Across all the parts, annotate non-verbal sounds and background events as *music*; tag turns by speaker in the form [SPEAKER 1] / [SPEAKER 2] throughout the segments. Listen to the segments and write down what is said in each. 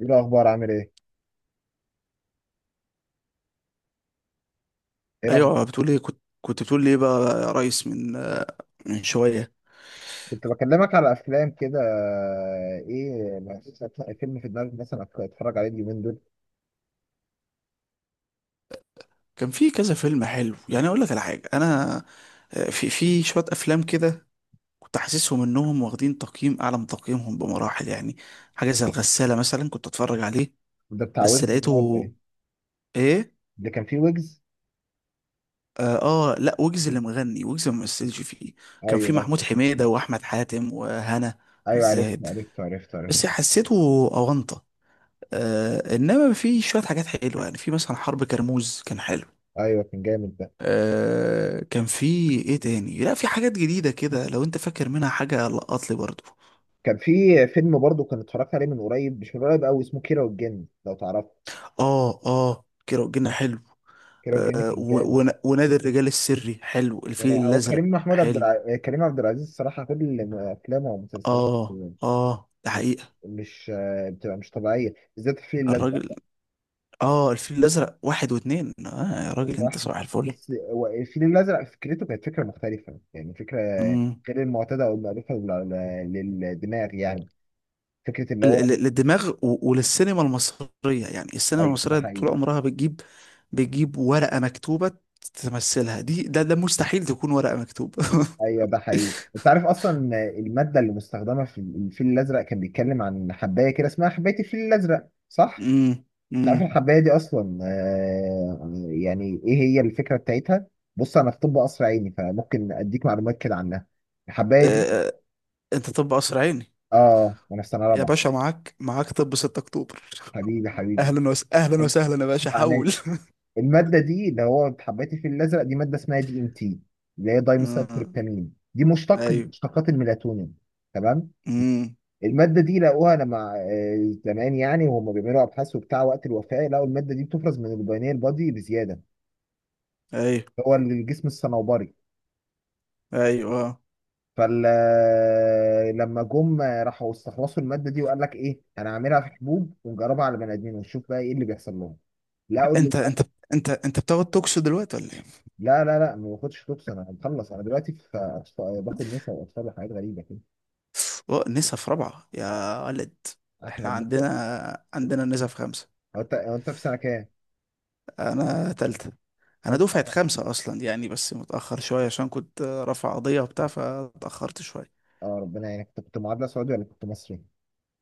[SPEAKER 1] ايه الاخبار؟ عامل ايه؟ ايه
[SPEAKER 2] ايوه،
[SPEAKER 1] الاخبار؟
[SPEAKER 2] بتقول ايه؟ كنت بتقول لي ايه بقى يا ريس من شويه.
[SPEAKER 1] كنت بكلمك على افلام كده، ايه، ما فيش أفلام- فيلم في دماغك مثلا اتفرج عليه اليومين دول؟
[SPEAKER 2] كان في كذا فيلم حلو يعني، اقول لك على حاجه. انا في شويه افلام كده، كنت حاسسهم انهم واخدين تقييم اعلى من تقييمهم بمراحل يعني. حاجه زي الغساله مثلا كنت اتفرج عليه،
[SPEAKER 1] ده بتاع
[SPEAKER 2] بس
[SPEAKER 1] ويجز ده ولا
[SPEAKER 2] لقيته.
[SPEAKER 1] ايه؟
[SPEAKER 2] ايه؟
[SPEAKER 1] اللي كان فيه ويجز.
[SPEAKER 2] اه، آه، لا، ويجز اللي مغني ويجز ما مثلش فيه.
[SPEAKER 1] ايوه
[SPEAKER 2] كان في
[SPEAKER 1] ايوه
[SPEAKER 2] محمود حميده واحمد حاتم وهنا
[SPEAKER 1] أيوه،
[SPEAKER 2] زاهد.
[SPEAKER 1] عرفته عرفته عرفته عرفته
[SPEAKER 2] بس حسيته اونطه. انما في شويه حاجات حلوه يعني، في مثلا حرب كرموز كان حلو.
[SPEAKER 1] ايوه، كان جامد ده.
[SPEAKER 2] كان في ايه تاني؟ لا، في حاجات جديدة كده، لو انت فاكر منها حاجة لقط لي برضو.
[SPEAKER 1] كان في فيلم برضو كان اتفرجت عليه من قريب، مش من قريب قوي، اسمه كيرة والجن، لو تعرفه.
[SPEAKER 2] اه، اه، كيرة والجن حلو.
[SPEAKER 1] كيرة والجن كان جامد.
[SPEAKER 2] ونادي الرجال السري حلو. الفيل
[SPEAKER 1] يعني هو كريم
[SPEAKER 2] الازرق
[SPEAKER 1] محمود عبد
[SPEAKER 2] حلو.
[SPEAKER 1] الع... كريم عبد العزيز الصراحه كل افلامه ومسلسلاته
[SPEAKER 2] اه، اه، ده
[SPEAKER 1] مش
[SPEAKER 2] حقيقة.
[SPEAKER 1] بتبقى مش طبيعيه، بالذات الفيل الازرق.
[SPEAKER 2] الراجل. اه، الفيل الازرق واحد واتنين. اه يا راجل،
[SPEAKER 1] الازرق
[SPEAKER 2] انت
[SPEAKER 1] احمد.
[SPEAKER 2] صباح الفل.
[SPEAKER 1] بص، هو الفيل الازرق فكرته كانت فكره مختلفه، يعني فكره
[SPEAKER 2] امم
[SPEAKER 1] غير المعتاده او المألوفه للدماغ يعني. فكره اللي هو
[SPEAKER 2] للدماغ وللسينما المصرية، يعني السينما
[SPEAKER 1] ايوه ده
[SPEAKER 2] المصرية طول
[SPEAKER 1] حقيقي.
[SPEAKER 2] عمرها بتجيب ورقة مكتوبة تمثلها دي. ده مستحيل تكون ورقة مكتوبة. *laughs*
[SPEAKER 1] ايوه ده حقيقي. انت عارف اصلا الماده اللي مستخدمه في الفيل الازرق، كان بيتكلم عن حبايه كده اسمها حبايه الفيل الازرق، صح؟
[SPEAKER 2] امم.
[SPEAKER 1] انت عارف
[SPEAKER 2] امم.
[SPEAKER 1] الحبايه دي اصلا يعني ايه هي الفكره بتاعتها؟ بص انا في طب قصر عيني، فممكن اديك معلومات كده عنها. الحبايه دي،
[SPEAKER 2] آه، انت طب قصر عيني؟
[SPEAKER 1] اه، وانا في سنه
[SPEAKER 2] يا
[SPEAKER 1] رابعه.
[SPEAKER 2] باشا، معاك طب 6 اكتوبر.
[SPEAKER 1] حبيبي حبيبي.
[SPEAKER 2] اهلا وسهلا يا باشا، حول.
[SPEAKER 1] المادة دي اللي هو حبيت الفيل الأزرق، دي مادة اسمها دي ام تي، اللي هي
[SPEAKER 2] امم.
[SPEAKER 1] دايميثايلتريبتامين، دي مشتق من
[SPEAKER 2] ايوه.
[SPEAKER 1] مشتقات الميلاتونين. تمام.
[SPEAKER 2] امم.
[SPEAKER 1] المادة دي لقوها لما زمان يعني، وهم بيعملوا أبحاث وبتاع وقت الوفاة، لقوا المادة دي بتفرز من البيانير بادي بزيادة،
[SPEAKER 2] ايوه،
[SPEAKER 1] اللي هو الجسم الصنوبري.
[SPEAKER 2] ايوه، آه.
[SPEAKER 1] فال آه، لما جم آه، راحوا استخلصوا المادة دي، وقال لك إيه، أنا هعملها في حبوب ونجربها على بني آدمين ونشوف بقى إيه اللي بيحصل لهم. لقوا
[SPEAKER 2] انت انت انت بتاخد توكسو دلوقتي ولا ايه؟
[SPEAKER 1] لا لا لا، ما باخدش توكس، انا مخلص، انا دلوقتي في باخد نسا واطفال وحاجات غريبه كده.
[SPEAKER 2] أوه، نسا في رابعه يا ولد؟
[SPEAKER 1] احنا
[SPEAKER 2] احنا
[SPEAKER 1] بناخد.
[SPEAKER 2] عندنا نسا في خمسه.
[SPEAKER 1] هو انت في سنه كام؟
[SPEAKER 2] انا تالته. انا
[SPEAKER 1] تالتة؟
[SPEAKER 2] دفعه
[SPEAKER 1] اه،
[SPEAKER 2] خمسه اصلا يعني، بس متاخر شويه عشان كنت رافع قضيه وبتاع، فاتاخرت شويه.
[SPEAKER 1] ربنا يعينك. انت كنت معادله سعودي ولا كنت مصري؟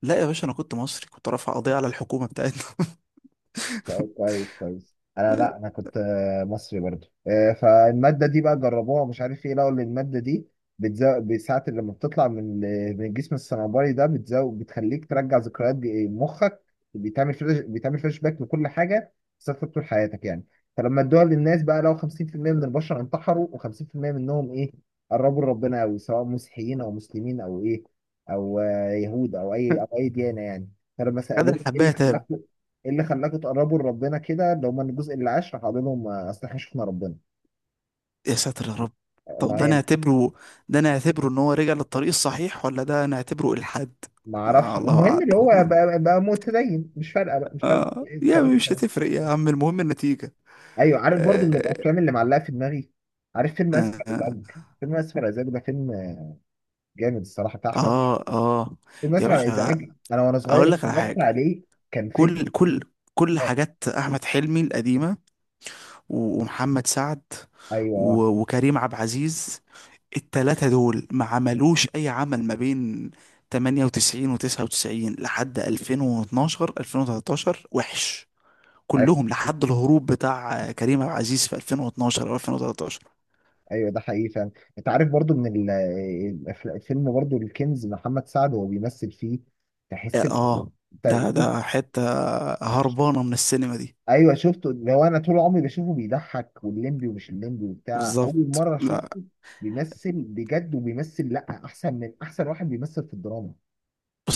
[SPEAKER 2] لا يا باشا، انا كنت مصري، كنت رافع قضيه على الحكومه بتاعتنا.
[SPEAKER 1] طيب كويس كويس، انا لا، انا كنت مصري برضو. فالماده دي بقى جربوها، مش عارف ايه، لقوا ان الماده دي بتزود بساعة لما بتطلع من من الجسم الصنوبري ده، بتزود بتخليك ترجع ذكريات مخك. بيتعمل فلاش، بيتعمل فلاش باك لكل حاجه. صرت طول حياتك يعني. فلما ادوها للناس بقى، لو 50% من البشر انتحروا، و50% منهم ايه، قربوا لربنا قوي، سواء مسيحيين او مسلمين او ايه، او يهود، او اي او اي
[SPEAKER 2] *laughs*
[SPEAKER 1] ديانه يعني. فلما
[SPEAKER 2] خد
[SPEAKER 1] سالوه ايه اللي
[SPEAKER 2] الحبايه
[SPEAKER 1] خلاك،
[SPEAKER 2] تاب.
[SPEAKER 1] ايه اللي خلاكوا تقربوا لربنا كده، اللي هم الجزء اللي عاش، راح قال لهم اصل احنا شفنا ربنا.
[SPEAKER 2] يا ساتر يا رب. طب
[SPEAKER 1] ما
[SPEAKER 2] ده
[SPEAKER 1] يعني
[SPEAKER 2] نعتبره ده نعتبره ان هو رجع للطريق الصحيح ولا ده نعتبره الحاد؟
[SPEAKER 1] ما اعرفش،
[SPEAKER 2] آه، الله
[SPEAKER 1] المهم اللي هو
[SPEAKER 2] اعلم.
[SPEAKER 1] بقى، بقى متدين، مش فارقه بقى، مش فارقه
[SPEAKER 2] آه
[SPEAKER 1] إيه
[SPEAKER 2] يا
[SPEAKER 1] الطريقه
[SPEAKER 2] عم، مش
[SPEAKER 1] يعني.
[SPEAKER 2] هتفرق يا عم، المهم النتيجه.
[SPEAKER 1] ايوه، عارف برضو من
[SPEAKER 2] آه.
[SPEAKER 1] الافلام اللي معلقه في دماغي، عارف فيلم اسف على
[SPEAKER 2] آه.
[SPEAKER 1] الازعاج؟ فيلم اسف على الازعاج ده فيلم جامد الصراحه، بتاع احمد.
[SPEAKER 2] آه. آه.
[SPEAKER 1] فيلم
[SPEAKER 2] يا
[SPEAKER 1] اسف على
[SPEAKER 2] باشا،
[SPEAKER 1] الازعاج انا وانا صغير
[SPEAKER 2] اقول لك على
[SPEAKER 1] اتفرجت
[SPEAKER 2] حاجه.
[SPEAKER 1] عليه. كان فيلم،
[SPEAKER 2] كل كل كل
[SPEAKER 1] آه،
[SPEAKER 2] حاجات احمد حلمي القديمه، ومحمد سعد،
[SPEAKER 1] ايوه
[SPEAKER 2] وكريم عبد العزيز. التلاتة دول ما عملوش أي عمل ما بين 98 و99، لحد 2012 2013، وحش
[SPEAKER 1] ايوه،
[SPEAKER 2] كلهم، لحد الهروب بتاع كريم عبد العزيز في 2012 أو 2013.
[SPEAKER 1] أيوة، ده حقيقي فعلا. انت عارف برضو من الفيلم برضو الكنز، محمد سعد وهو بيمثل فيه،
[SPEAKER 2] آه.
[SPEAKER 1] تحس
[SPEAKER 2] آه.
[SPEAKER 1] انت،
[SPEAKER 2] ده حتة هربانة من السينما دي
[SPEAKER 1] ايوه شفته، اللي هو انا طول عمري بشوفه بيضحك والليمبي ومش الليمبي وبتاع، اول
[SPEAKER 2] بالظبط.
[SPEAKER 1] مره
[SPEAKER 2] لا.
[SPEAKER 1] اشوفه بيمثل بجد، وبيمثل لا احسن من احسن واحد بيمثل في الدراما.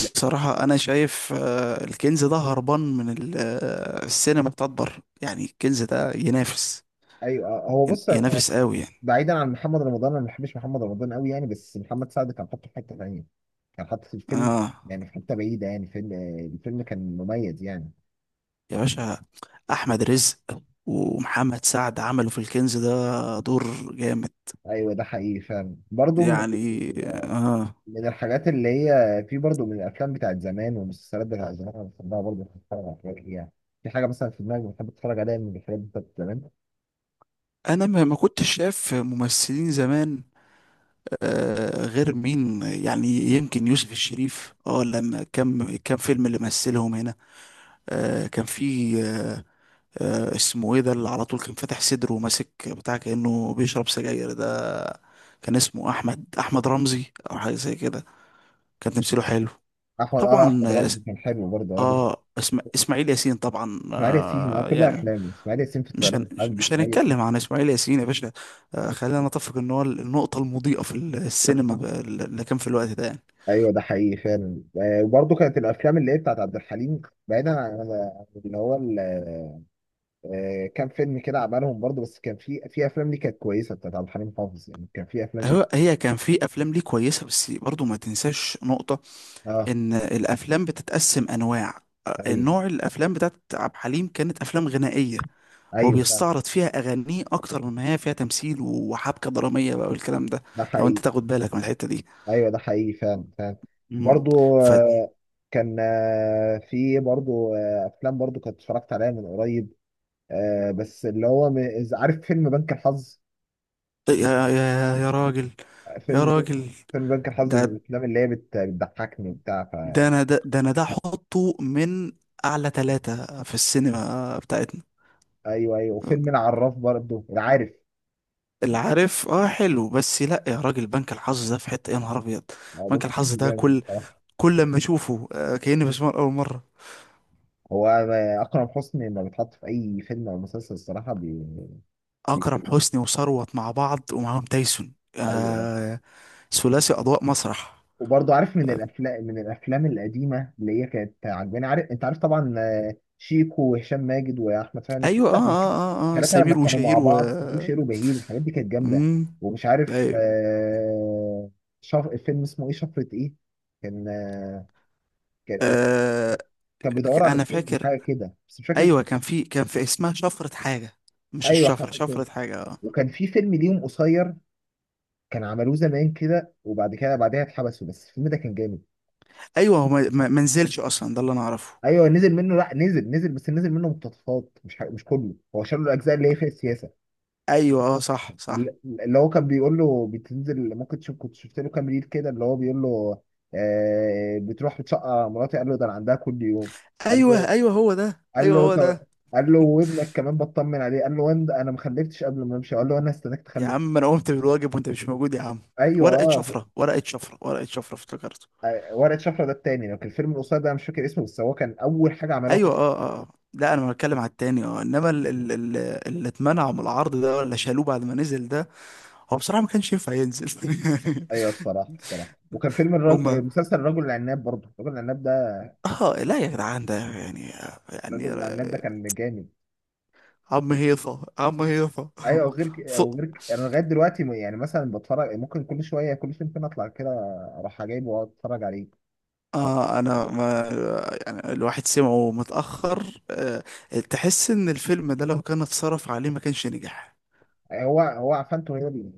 [SPEAKER 1] لا.
[SPEAKER 2] أنا شايف الكنز ده هربان من السينما بتاعت بره، يعني الكنز ده ينافس،
[SPEAKER 1] ايوه هو بص،
[SPEAKER 2] ينافس قوي يعني.
[SPEAKER 1] بعيدا عن محمد رمضان، انا ما بحبش محمد رمضان قوي يعني، بس محمد سعد كان حاطه في حته ثانيه، كان حاطه في الفيلم
[SPEAKER 2] آه
[SPEAKER 1] يعني في حته بعيده، يعني فيلم، الفيلم كان مميز يعني.
[SPEAKER 2] يا باشا، احمد رزق ومحمد سعد عملوا في الكنز ده دور جامد،
[SPEAKER 1] ايوه ده حقيقي فعلا، برضه من
[SPEAKER 2] يعني. اه.
[SPEAKER 1] من الحاجات اللي هي في برضو من الافلام بتاعت زمان والمسلسلات بتاعت زمان، انا بحبها برضو، بحب اتفرج على حاجات ليها. في حاجه مثلا في دماغي بحب اتفرج عليها من الحاجات بتاعت زمان.
[SPEAKER 2] انا ما كنتش شايف ممثلين زمان، غير مين يعني؟ يمكن يوسف الشريف، اه، لما كم فيلم اللي مثلهم هنا. كان في، اسمه ايه ده اللي على طول كان فاتح صدره وماسك بتاع كأنه بيشرب سجاير ده. كان اسمه احمد رمزي، او حاجه زي كده. كان تمثيله حلو
[SPEAKER 1] احمد، اه،
[SPEAKER 2] طبعا.
[SPEAKER 1] احمد رمزي كان حلو برضه.
[SPEAKER 2] اه، اسماعيل ياسين طبعا
[SPEAKER 1] اسماعيل ياسين، اه، كل
[SPEAKER 2] يعني.
[SPEAKER 1] افلامه، اسماعيل ياسين في
[SPEAKER 2] مش
[SPEAKER 1] الطيران
[SPEAKER 2] هن...
[SPEAKER 1] الحربي،
[SPEAKER 2] مش
[SPEAKER 1] اسماعيل ياسين في
[SPEAKER 2] هنتكلم عن اسماعيل ياسين يا باشا.
[SPEAKER 1] الحرب.
[SPEAKER 2] خلينا نتفق ان هو النقطة المضيئة في السينما، اللي كان في الوقت ده يعني.
[SPEAKER 1] ايوه ده حقيقي فعلا. وبرضه كانت الافلام اللي هي بتاعت عبد الحليم، بعيدا عن عن اللي هو كام فيلم كده عملهم برضه، بس كان في في افلام دي كانت كويسه بتاعت عبد الحليم حافظ يعني، كان في افلام دي.
[SPEAKER 2] هي كان في افلام ليه كويسة، بس برضو ما تنساش نقطة
[SPEAKER 1] اه.
[SPEAKER 2] ان الافلام بتتقسم انواع.
[SPEAKER 1] ايوه
[SPEAKER 2] نوع الافلام بتاعت عبد الحليم كانت افلام غنائية. هو
[SPEAKER 1] ايوه فعلا.
[SPEAKER 2] بيستعرض فيها اغانيه اكتر مما هي فيها تمثيل وحبكة درامية بقى والكلام ده،
[SPEAKER 1] ده
[SPEAKER 2] لو انت
[SPEAKER 1] حقيقي.
[SPEAKER 2] تاخد بالك من الحتة دي.
[SPEAKER 1] ايوه ده حقيقي فعلا فعلا.
[SPEAKER 2] مم.
[SPEAKER 1] برضو.
[SPEAKER 2] ف...
[SPEAKER 1] آه، كان آه، في برضو افلام برضو كنت اتفرجت عليها من قريب. بس اللي هو إذا عارف فيلم بنك الحظ؟
[SPEAKER 2] طيب، يا يا يا راجل يا
[SPEAKER 1] فيلم،
[SPEAKER 2] راجل
[SPEAKER 1] فيلم بنك الحظ من
[SPEAKER 2] ده
[SPEAKER 1] الافلام اللي هي بتضحكني وبتاع ف.
[SPEAKER 2] ده انا ده احطه من اعلى ثلاثة في السينما بتاعتنا.
[SPEAKER 1] ايوه ايوه، وفيلم العراف برضو، العارف.
[SPEAKER 2] اللي عارف، اه، حلو. بس لا يا راجل، بنك الحظ ده في حتة يا نهار ابيض.
[SPEAKER 1] هو بنك
[SPEAKER 2] بنك
[SPEAKER 1] الحظ
[SPEAKER 2] الحظ ده
[SPEAKER 1] جامد
[SPEAKER 2] كل
[SPEAKER 1] الصراحه.
[SPEAKER 2] كل لما اشوفه، كأني بسمعه لأول مرة.
[SPEAKER 1] هو اكرم حسني لما بيتحط في اي فيلم او مسلسل الصراحه بي... بي...
[SPEAKER 2] اكرم حسني وثروت مع بعض ومعاهم تايسون،
[SPEAKER 1] ايوه.
[SPEAKER 2] ثلاثي اضواء مسرح.
[SPEAKER 1] وبرضه عارف من الافلام، من الافلام القديمه اللي هي كانت عجباني، عارف انت، عارف طبعا، شيكو وهشام ماجد واحمد فهمي،
[SPEAKER 2] ايوه، اه، اه، اه، آه.
[SPEAKER 1] الثلاثه لما
[SPEAKER 2] سمير
[SPEAKER 1] كانوا مع
[SPEAKER 2] وشهير.
[SPEAKER 1] بعض، سمير شير وبهير، الحاجات دي كانت جامده.
[SPEAKER 2] مم.
[SPEAKER 1] ومش عارف
[SPEAKER 2] ايوه،
[SPEAKER 1] الفيلم اسمه ايه، شفرة ايه، كان كان إيه؟
[SPEAKER 2] آه،
[SPEAKER 1] كان بيدور على
[SPEAKER 2] انا
[SPEAKER 1] الكنز
[SPEAKER 2] فاكر.
[SPEAKER 1] حاجه كده، بس مش فاكر اسمه.
[SPEAKER 2] ايوه، كان في اسمها شفرة حاجة. مش
[SPEAKER 1] ايوه
[SPEAKER 2] الشفرة،
[SPEAKER 1] حاجه كده.
[SPEAKER 2] شفرة حاجة، اه.
[SPEAKER 1] وكان في فيلم ليهم قصير، كان عملوه زمان كده وبعد كده بعدها اتحبسوا، بس الفيلم ده كان جامد.
[SPEAKER 2] ايوه، هو ما نزلش اصلا، ده اللي انا اعرفه.
[SPEAKER 1] ايوه نزل منه، لا نزل، نزل بس نزل منه مقتطفات، مش كله، هو شال له الاجزاء اللي هي في السياسه.
[SPEAKER 2] ايوه، اه، صح، صح.
[SPEAKER 1] اللي هو كان بيقول له بتنزل ممكن تشوف، كنت شفت له كام ريل كده، اللي هو بيقول له آه بتروح بتشقى مراتي، قال له ده انا عندها كل يوم. قال
[SPEAKER 2] ايوه،
[SPEAKER 1] له،
[SPEAKER 2] ايوه، هو ده.
[SPEAKER 1] قال
[SPEAKER 2] ايوه،
[SPEAKER 1] له
[SPEAKER 2] هو
[SPEAKER 1] طب،
[SPEAKER 2] ده.
[SPEAKER 1] قال له وابنك كمان بطمن عليه، قال له وين ده؟ انا ما خلفتش قبل ما امشي، قال له انا استناك
[SPEAKER 2] يا
[SPEAKER 1] تخلف.
[SPEAKER 2] عم، انا قمت بالواجب وانت مش موجود يا عم.
[SPEAKER 1] ايوه
[SPEAKER 2] ورقة
[SPEAKER 1] اه.
[SPEAKER 2] شفرة، ورقة شفرة، ورقة شفرة، افتكرته.
[SPEAKER 1] ورقه شفره ده التاني، لو كان الفيلم القصير ده انا مش فاكر اسمه، بس هو كان اول حاجه عملوها في-
[SPEAKER 2] ايوه، اه، اه، آه. لا، انا بتكلم على التاني، اه، انما اللي اتمنع من العرض ده، ولا شالوه بعد ما نزل ده؟ هو بصراحة ما كانش ينفع ينزل. *laughs*
[SPEAKER 1] ايوه الصراحه الصراحه. وكان فيلم
[SPEAKER 2] هما،
[SPEAKER 1] مسلسل الرجل العناب برضه، الرجل العناب ده
[SPEAKER 2] اه، لا يا جدعان، ده يعني
[SPEAKER 1] الراجل بتاع النت ده، كان جامد.
[SPEAKER 2] عم هيصة، عم هيصة.
[SPEAKER 1] ايوه،
[SPEAKER 2] *laughs* ص...
[SPEAKER 1] انا لغايه دلوقتي يعني مثلا بتفرج ممكن كل شويه، كل فين فين اطلع كده اروح جايبه واقعد اتفرج عليه.
[SPEAKER 2] آه أنا ما يعني الواحد سمعه متأخر. تحس إن الفيلم ده لو كان اتصرف عليه ما كانش نجح.
[SPEAKER 1] هو عفنته هي اللي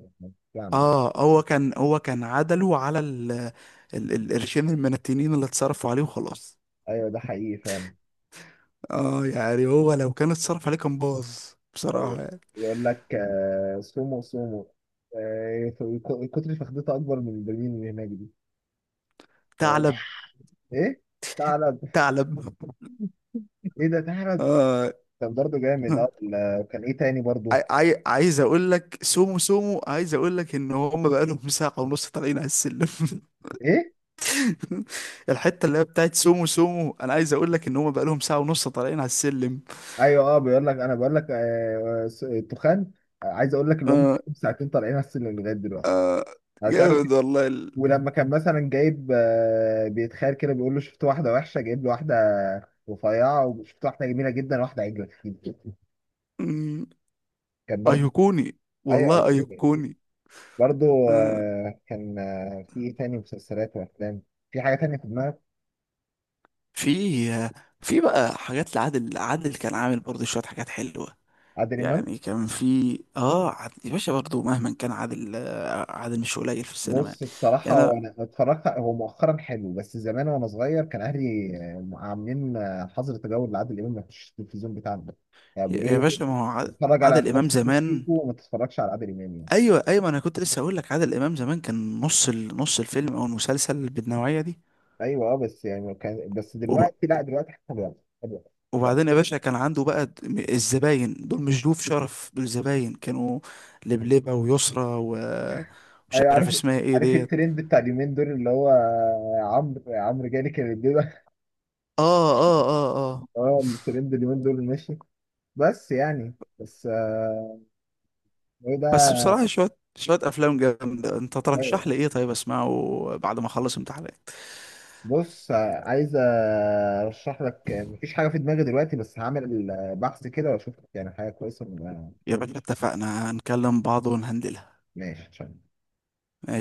[SPEAKER 1] بتعمل.
[SPEAKER 2] هو كان عدله على القرشين المنتنين اللي اتصرفوا عليه وخلاص.
[SPEAKER 1] ايوه ده حقيقي فعلا.
[SPEAKER 2] يعني هو لو كان اتصرف عليه كان باظ، بصراحة
[SPEAKER 1] ايوه،
[SPEAKER 2] يعني.
[SPEAKER 1] يقول لك سومو سومو، آه، كتر فخدته اكبر من البرميل اللي هناك دي. لو-
[SPEAKER 2] ثعلب.
[SPEAKER 1] *laughs* ايه تعرض،
[SPEAKER 2] ثعلب. *laughs*
[SPEAKER 1] ايه ده تعرض؟
[SPEAKER 2] آه
[SPEAKER 1] كان برضه جامد اه. كان ايه تاني برضه؟
[SPEAKER 2] عايز اقول لك سومو سومو، عايز اقول لك ان هم بقالهم ساعة ونص طالعين على السلم. *laughs*
[SPEAKER 1] ايه؟
[SPEAKER 2] *laughs* الحته اللي هي بتاعت سومو سومو، انا عايز اقول لك ان هم بقالهم ساعه ونص طالعين على السلم.
[SPEAKER 1] ايوه اه، بيقول لك، انا بقول لك التخان، عايز اقول لك اللي هم
[SPEAKER 2] آه.
[SPEAKER 1] ساعتين طالعين على السلم لغايه دلوقتي،
[SPEAKER 2] آه.
[SPEAKER 1] انا مش عارف.
[SPEAKER 2] جامد والله
[SPEAKER 1] ولما كان مثلا جايب بيتخيل كده، بيقول له شفت واحده وحشه جايب له واحده رفيعه، وشفت واحده جميله جدا، واحده عجله كتير.
[SPEAKER 2] مم،
[SPEAKER 1] كان برضه،
[SPEAKER 2] ايقوني،
[SPEAKER 1] ايوه،
[SPEAKER 2] والله
[SPEAKER 1] أيتوني، أيتوني.
[SPEAKER 2] ايقوني.
[SPEAKER 1] برضه
[SPEAKER 2] آه
[SPEAKER 1] آه، كان آه، في ايه تاني مسلسلات وافلام؟ في حاجه تانيه في دماغك؟
[SPEAKER 2] في في بقى حاجات لعادل. عادل كان عامل برضه شويه حاجات حلوه،
[SPEAKER 1] عادل امام؟
[SPEAKER 2] يعني كان في عادل يا باشا، برضه مهما كان عادل، عادل مش قليل في السينما يعني.
[SPEAKER 1] بص الصراحة،
[SPEAKER 2] يعني
[SPEAKER 1] هو أنا اتفرجت، هو مؤخرا حلو، بس زمان وأنا صغير كان أهلي عاملين حظر تجول لعادل إمام، ما يخشش التلفزيون بتاعنا يعني،
[SPEAKER 2] يا
[SPEAKER 1] بيقولوا
[SPEAKER 2] يا
[SPEAKER 1] لي
[SPEAKER 2] باشا، ما هو عادل.
[SPEAKER 1] اتفرج على
[SPEAKER 2] عادل
[SPEAKER 1] أفلام
[SPEAKER 2] امام
[SPEAKER 1] سيكو
[SPEAKER 2] زمان.
[SPEAKER 1] سيكو وما تتفرجش على عادل إمام يعني.
[SPEAKER 2] ايوه، ايوه، ما انا كنت لسه اقول لك عادل امام زمان كان نص الفيلم او المسلسل بالنوعيه دي.
[SPEAKER 1] أيوه أه، بس يعني كان، بس
[SPEAKER 2] وب...
[SPEAKER 1] دلوقتي لا، دلوقتي حتى بقى حلو.
[SPEAKER 2] وبعدين يا باشا، كان عنده بقى الزباين دول، مش ضيوف شرف، دول زباين كانوا. لبلبه ويسرى، مش
[SPEAKER 1] أيوه،
[SPEAKER 2] عارف
[SPEAKER 1] عارف
[SPEAKER 2] اسمها ايه
[SPEAKER 1] عارف
[SPEAKER 2] ديت.
[SPEAKER 1] الترند بتاع اليومين دول اللي هو عمرو جالي كان بيبقى *laughs*
[SPEAKER 2] اه، اه، اه، اه.
[SPEAKER 1] اه، الترند اليومين دول ماشي، بس يعني بس ايه
[SPEAKER 2] بس
[SPEAKER 1] ده.
[SPEAKER 2] بصراحه، شويه شويه افلام جامده، انت ترشح لي ايه طيب اسمعه بعد ما اخلص امتحانات؟
[SPEAKER 1] بص، عايز ارشح لك، مفيش حاجه في دماغي دلوقتي، بس هعمل بحث كده واشوف يعني حاجه كويسه.
[SPEAKER 2] يا باشا، اتفقنا، هنكلم بعض ونهندلها.
[SPEAKER 1] ماشي تمام.
[SPEAKER 2] ماشي.